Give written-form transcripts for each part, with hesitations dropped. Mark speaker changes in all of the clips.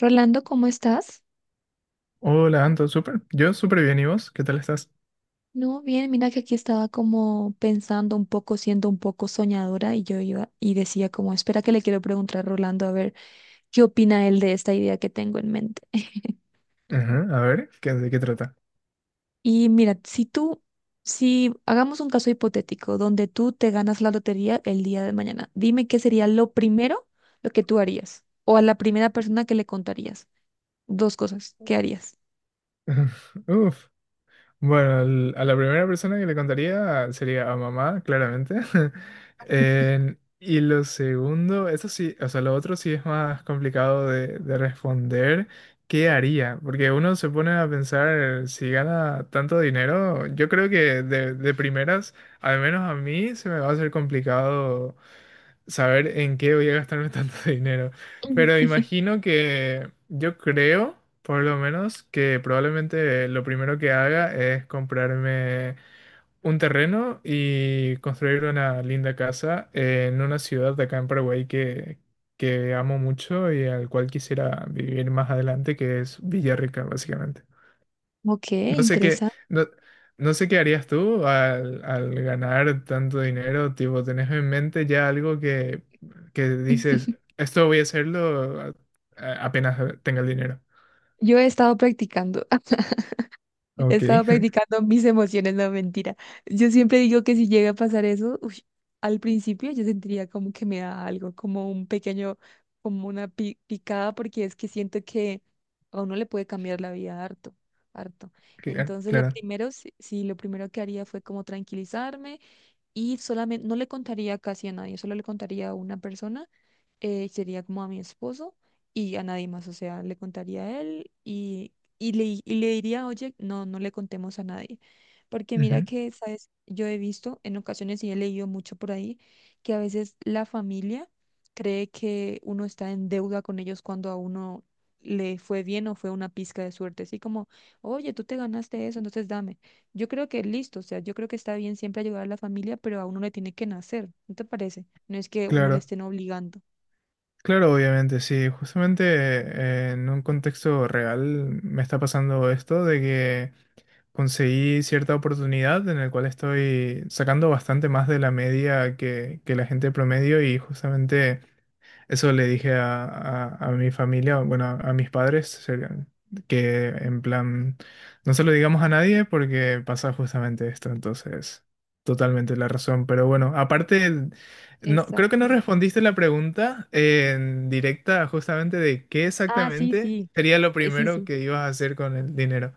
Speaker 1: Rolando, ¿cómo estás?
Speaker 2: Hola, Anto, súper. Yo súper bien, ¿y vos? ¿Qué tal estás?
Speaker 1: No, bien, mira que aquí estaba como pensando un poco, siendo un poco soñadora y yo iba y decía como, espera que le quiero preguntar a Rolando a ver qué opina él de esta idea que tengo en mente.
Speaker 2: Ajá, a ver, ¿de qué trata?
Speaker 1: Y mira, si tú, si hagamos un caso hipotético donde tú te ganas la lotería el día de mañana, dime qué sería lo primero lo que tú harías o a la primera persona que le contarías. Dos cosas, ¿qué harías?
Speaker 2: Uf. Bueno, a la primera persona que le contaría sería a mamá, claramente. Y lo segundo, eso sí, o sea, lo otro sí es más complicado de responder. ¿Qué haría? Porque uno se pone a pensar, si gana tanto dinero, yo creo que de primeras, al menos a mí, se me va a hacer complicado saber en qué voy a gastarme tanto dinero. Pero
Speaker 1: Ujú.
Speaker 2: imagino que yo creo, por lo menos, que probablemente lo primero que haga es comprarme un terreno y construir una linda casa en una ciudad de acá en Paraguay que amo mucho y al cual quisiera vivir más adelante, que es Villarrica, básicamente.
Speaker 1: Ok,
Speaker 2: No sé qué,
Speaker 1: interesante.
Speaker 2: no, no sé qué harías tú al ganar tanto dinero, tipo, ¿tenés en mente ya algo que dices, esto voy a hacerlo apenas tenga el dinero?
Speaker 1: Yo he estado practicando. He
Speaker 2: Ok,
Speaker 1: estado practicando mis emociones, no mentira. Yo siempre digo que si llega a pasar eso, uy, al principio yo sentiría como que me da algo, como un pequeño, como una picada, porque es que siento que a uno le puede cambiar la vida harto, harto.
Speaker 2: claro,
Speaker 1: Entonces lo
Speaker 2: claro,
Speaker 1: primero, sí, sí, lo primero que haría fue como tranquilizarme y solamente no le contaría casi a nadie, solo le contaría a una persona, sería como a mi esposo y a nadie más, o sea, le contaría a él y y le diría, oye, no, no le contemos a nadie, porque mira
Speaker 2: ujú,
Speaker 1: que, sabes, yo he visto en ocasiones y he leído mucho por ahí que a veces la familia cree que uno está en deuda con ellos cuando a uno le fue bien o fue una pizca de suerte, así como, oye, tú te ganaste eso, entonces dame. Yo creo que listo, o sea, yo creo que está bien siempre ayudar a la familia, pero a uno le tiene que nacer, ¿no te parece? No es que uno le
Speaker 2: claro,
Speaker 1: estén obligando.
Speaker 2: claro, obviamente, sí, justamente en un contexto real me está pasando esto de que conseguí cierta oportunidad en la cual estoy sacando bastante más de la media que la gente promedio y justamente... Eso le dije a mi familia, bueno, a mis padres, que en plan, no se lo digamos a nadie porque pasa justamente esto, entonces, totalmente la razón. Pero bueno, aparte, no, creo que no
Speaker 1: Exacto.
Speaker 2: respondiste la pregunta en directa justamente de qué
Speaker 1: Ah, sí,
Speaker 2: exactamente
Speaker 1: sí.
Speaker 2: sería lo
Speaker 1: Sí,
Speaker 2: primero
Speaker 1: sí.
Speaker 2: que ibas a hacer con el dinero.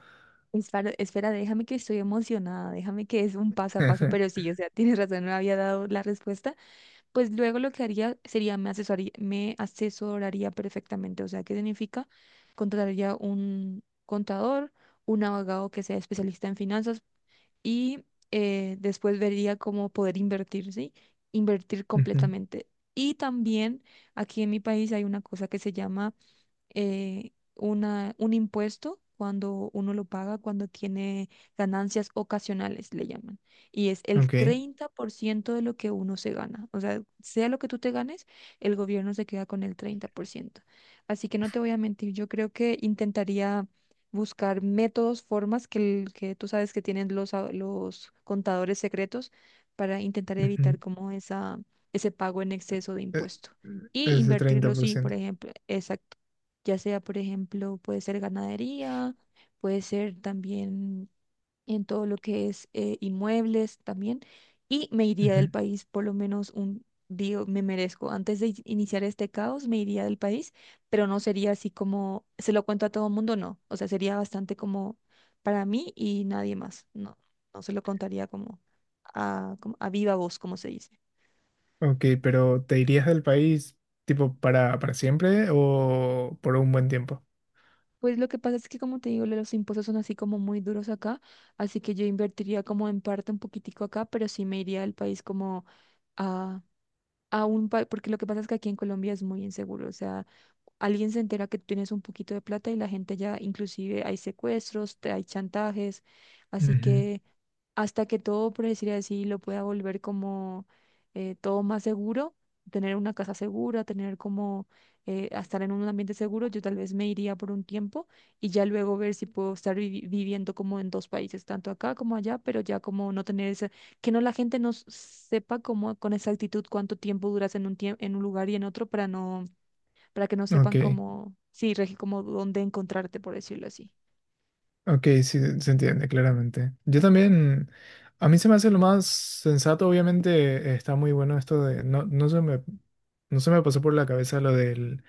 Speaker 1: Espera, espera, déjame que estoy emocionada, déjame que es un paso a paso, pero sí, o sea, tienes razón, no había dado la respuesta. Pues luego lo que haría sería me asesoraría perfectamente, o sea, ¿qué significa? Contrataría un contador, un abogado que sea especialista en finanzas y después vería cómo poder invertir, ¿sí? Invertir
Speaker 2: Ujú,
Speaker 1: completamente. Y también aquí en mi país hay una cosa que se llama una, un impuesto cuando uno lo paga, cuando tiene ganancias ocasionales, le llaman. Y es el
Speaker 2: ok.
Speaker 1: 30% de lo que uno se gana. O sea, sea lo que tú te ganes, el gobierno se queda con el 30%. Así que no te voy a mentir, yo creo que intentaría buscar métodos, formas que, que tú sabes que tienen los, los contadores secretos para intentar evitar
Speaker 2: Ujú.
Speaker 1: como esa, ese pago en exceso de impuesto. Y
Speaker 2: Ese
Speaker 1: invertirlo, sí, por
Speaker 2: 30%.
Speaker 1: ejemplo, exacto ya sea, por ejemplo, puede ser ganadería, puede ser también en todo lo que es inmuebles también, y me iría del país por lo menos un, día me merezco, antes de iniciar este caos, me iría del país, pero no sería así como, se lo cuento a todo el mundo, no, o sea, sería bastante como para mí y nadie más, no, no se lo contaría como a, como a viva voz, como se dice.
Speaker 2: Ok, pero ¿te irías del país tipo para siempre o por un buen tiempo?
Speaker 1: Pues lo que pasa es que, como te digo, los impuestos son así como muy duros acá, así que yo invertiría como en parte un poquitico acá, pero sí me iría al país como a un porque lo que pasa es que aquí en Colombia es muy inseguro, o sea, alguien se entera que tú tienes un poquito de plata y la gente ya, inclusive hay secuestros, hay chantajes, así que hasta que todo, por decir así, lo pueda volver como todo más seguro, tener una casa segura, tener como a estar en un ambiente seguro, yo tal vez me iría por un tiempo y ya luego ver si puedo estar viviendo como en dos países, tanto acá como allá, pero ya como no tener que no la gente no sepa cómo con exactitud cuánto tiempo duras en un tiempo en un lugar y en otro para no para que no
Speaker 2: Ujú. Ok,
Speaker 1: sepan cómo sí, Regi, como dónde encontrarte por decirlo así.
Speaker 2: ok, sí, se entiende claramente. Yo también, a mí se me hace lo más sensato, obviamente está muy bueno esto de, no, no se me, no se me pasó por la cabeza lo del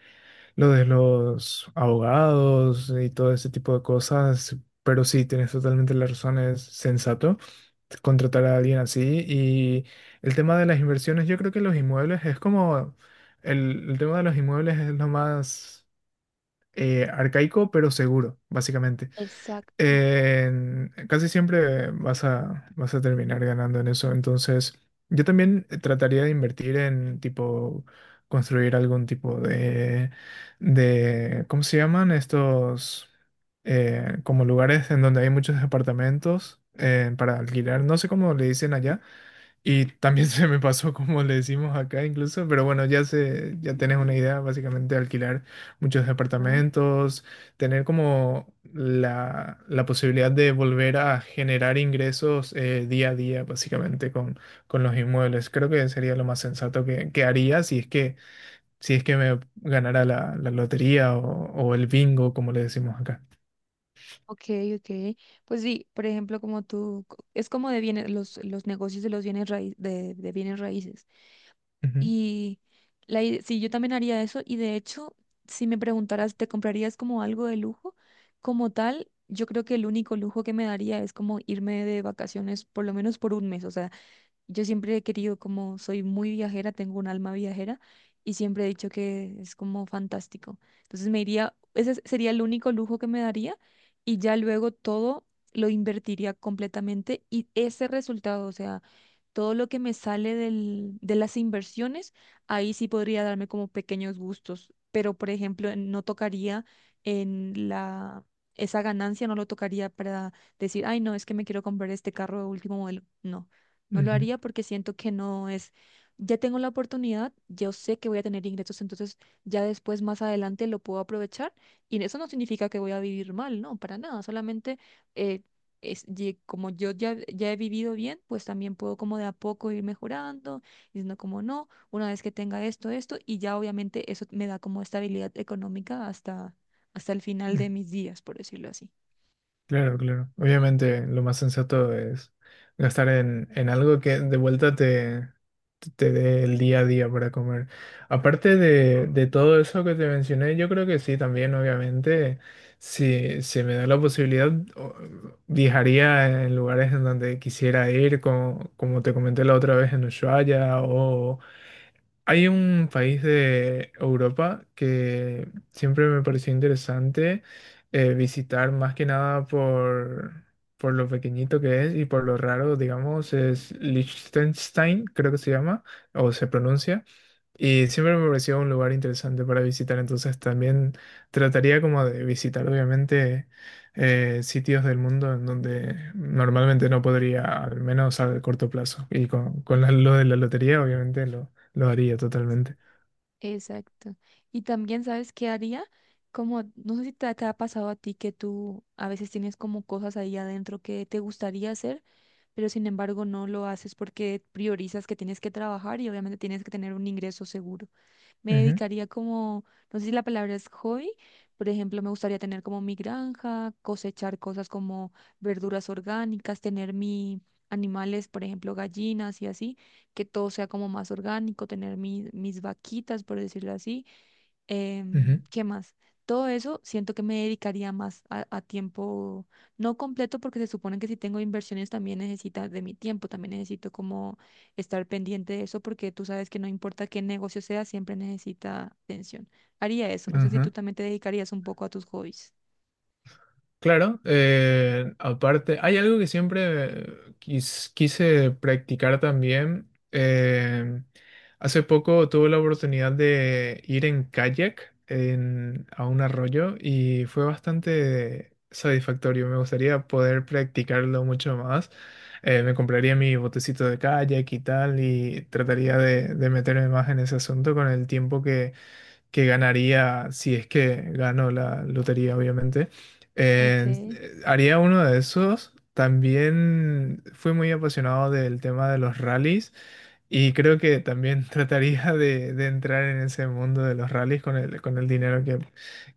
Speaker 2: lo de los abogados y todo ese tipo de cosas, pero sí, tienes totalmente la razón, es sensato contratar a alguien así. Y el tema de las inversiones, yo creo que los inmuebles es como, el tema de los inmuebles es lo más arcaico, pero seguro, básicamente
Speaker 1: Exacto.
Speaker 2: casi siempre vas a, vas a terminar ganando en eso. Entonces, yo también trataría de invertir en tipo construir algún tipo de ¿cómo se llaman? Estos como lugares en donde hay muchos apartamentos para alquilar. No sé cómo le dicen allá y también se me pasó como le decimos acá incluso, pero bueno, ya se, ya tenés una idea, básicamente alquilar muchos
Speaker 1: Ajá.
Speaker 2: departamentos, tener como la posibilidad de volver a generar ingresos día a día, básicamente, con los inmuebles. Creo que sería lo más sensato que haría si es que, si es que me ganara la, la lotería o el bingo, como le decimos acá.
Speaker 1: Ok, ok. Pues sí, por ejemplo, como tú, es como de bienes, los negocios de los bienes raíces, de bienes raíces.
Speaker 2: Ujú,
Speaker 1: Y la, sí, yo también haría eso. Y de hecho, si me preguntaras, ¿te comprarías como algo de lujo? Como tal, yo creo que el único lujo que me daría es como irme de vacaciones por lo menos por un mes. O sea, yo siempre he querido, como soy muy viajera, tengo un alma viajera y siempre he dicho que es como fantástico. Entonces me iría, sería el único lujo que me daría y ya luego todo lo invertiría completamente y ese resultado, o sea, todo lo que me sale de las inversiones, ahí sí podría darme como pequeños gustos, pero por ejemplo, no tocaría en la... Esa ganancia no lo tocaría para decir, ay, no, es que me quiero comprar este carro de último modelo. No. No lo
Speaker 2: ujú,
Speaker 1: haría porque siento que no es, ya tengo la oportunidad, yo sé que voy a tener ingresos, entonces ya después más adelante lo puedo aprovechar y eso no significa que voy a vivir mal, no, para nada, solamente eh, es, como yo ya, ya he vivido bien, pues también puedo como de a poco ir mejorando, diciendo como no, una vez que tenga esto, esto y ya obviamente eso me da como estabilidad económica hasta, hasta el final
Speaker 2: ujú.
Speaker 1: de mis días, por decirlo así.
Speaker 2: Claro, claro. Obviamente lo más sensato es gastar en algo que de vuelta te, te dé el día a día para comer. Aparte de todo eso que te mencioné, yo creo que sí, también obviamente, si se me da la posibilidad, viajaría en lugares en donde quisiera ir, como, como te comenté la otra vez en Ushuaia hay un país de Europa que siempre me pareció interesante visitar, más que nada por, por lo pequeñito que es y por lo raro, digamos, es Liechtenstein, creo que se llama, o se pronuncia. Y siempre me pareció un lugar interesante para visitar, entonces también trataría como de visitar, obviamente, sitios del mundo en donde normalmente no podría, al menos a corto plazo. Y con lo de la lotería, obviamente, lo haría totalmente.
Speaker 1: Exacto. Y también, ¿sabes qué haría? Como, no sé si te, te ha pasado a ti que tú a veces tienes como cosas ahí adentro que te gustaría hacer, pero sin embargo no lo haces porque priorizas que tienes que trabajar y obviamente tienes que tener un ingreso seguro me
Speaker 2: Ujú,
Speaker 1: dedicaría como, no sé si la palabra es hobby, por ejemplo, me gustaría tener como mi granja, cosechar cosas como verduras orgánicas, tener mi animales, por ejemplo, gallinas y así, que todo sea como más orgánico, tener mis vaquitas, por decirlo así, ¿qué más? Todo eso siento que me dedicaría más a tiempo, no completo, porque se supone que si tengo inversiones también necesitas de mi tiempo, también necesito como estar pendiente de eso, porque tú sabes que no importa qué negocio sea, siempre necesita atención. Haría eso,
Speaker 2: ujú,
Speaker 1: no sé si tú
Speaker 2: ajá.
Speaker 1: también te dedicarías un poco a tus hobbies.
Speaker 2: Claro, aparte, hay algo que siempre quise practicar también. Hace poco tuve la oportunidad de ir en kayak a un arroyo y fue bastante satisfactorio. Me gustaría poder practicarlo mucho más. Me compraría mi botecito de kayak y tal y trataría de meterme más en ese asunto con el tiempo que ganaría si es que gano la lotería, obviamente. Eh,
Speaker 1: Okay.
Speaker 2: Haría uno de esos. También fui muy apasionado del tema de los rallies y creo que también trataría de entrar en ese mundo de los rallies con el dinero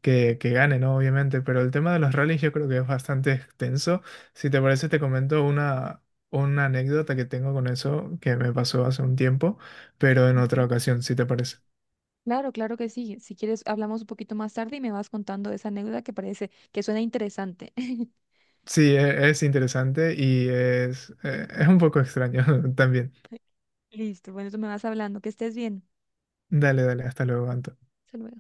Speaker 2: que gane, ¿no? Obviamente, pero el tema de los rallies yo creo que es bastante extenso. Si te parece, te comento una anécdota que tengo con eso que me pasó hace un tiempo, pero en otra
Speaker 1: Ajá.
Speaker 2: ocasión, si te parece.
Speaker 1: Claro, claro que sí. Si quieres, hablamos un poquito más tarde y me vas contando esa anécdota que parece que suena interesante.
Speaker 2: Sí, es interesante y es un poco extraño también.
Speaker 1: Listo, bueno, tú me vas hablando, que estés bien.
Speaker 2: Dale, dale, hasta luego, Anto.
Speaker 1: Hasta luego.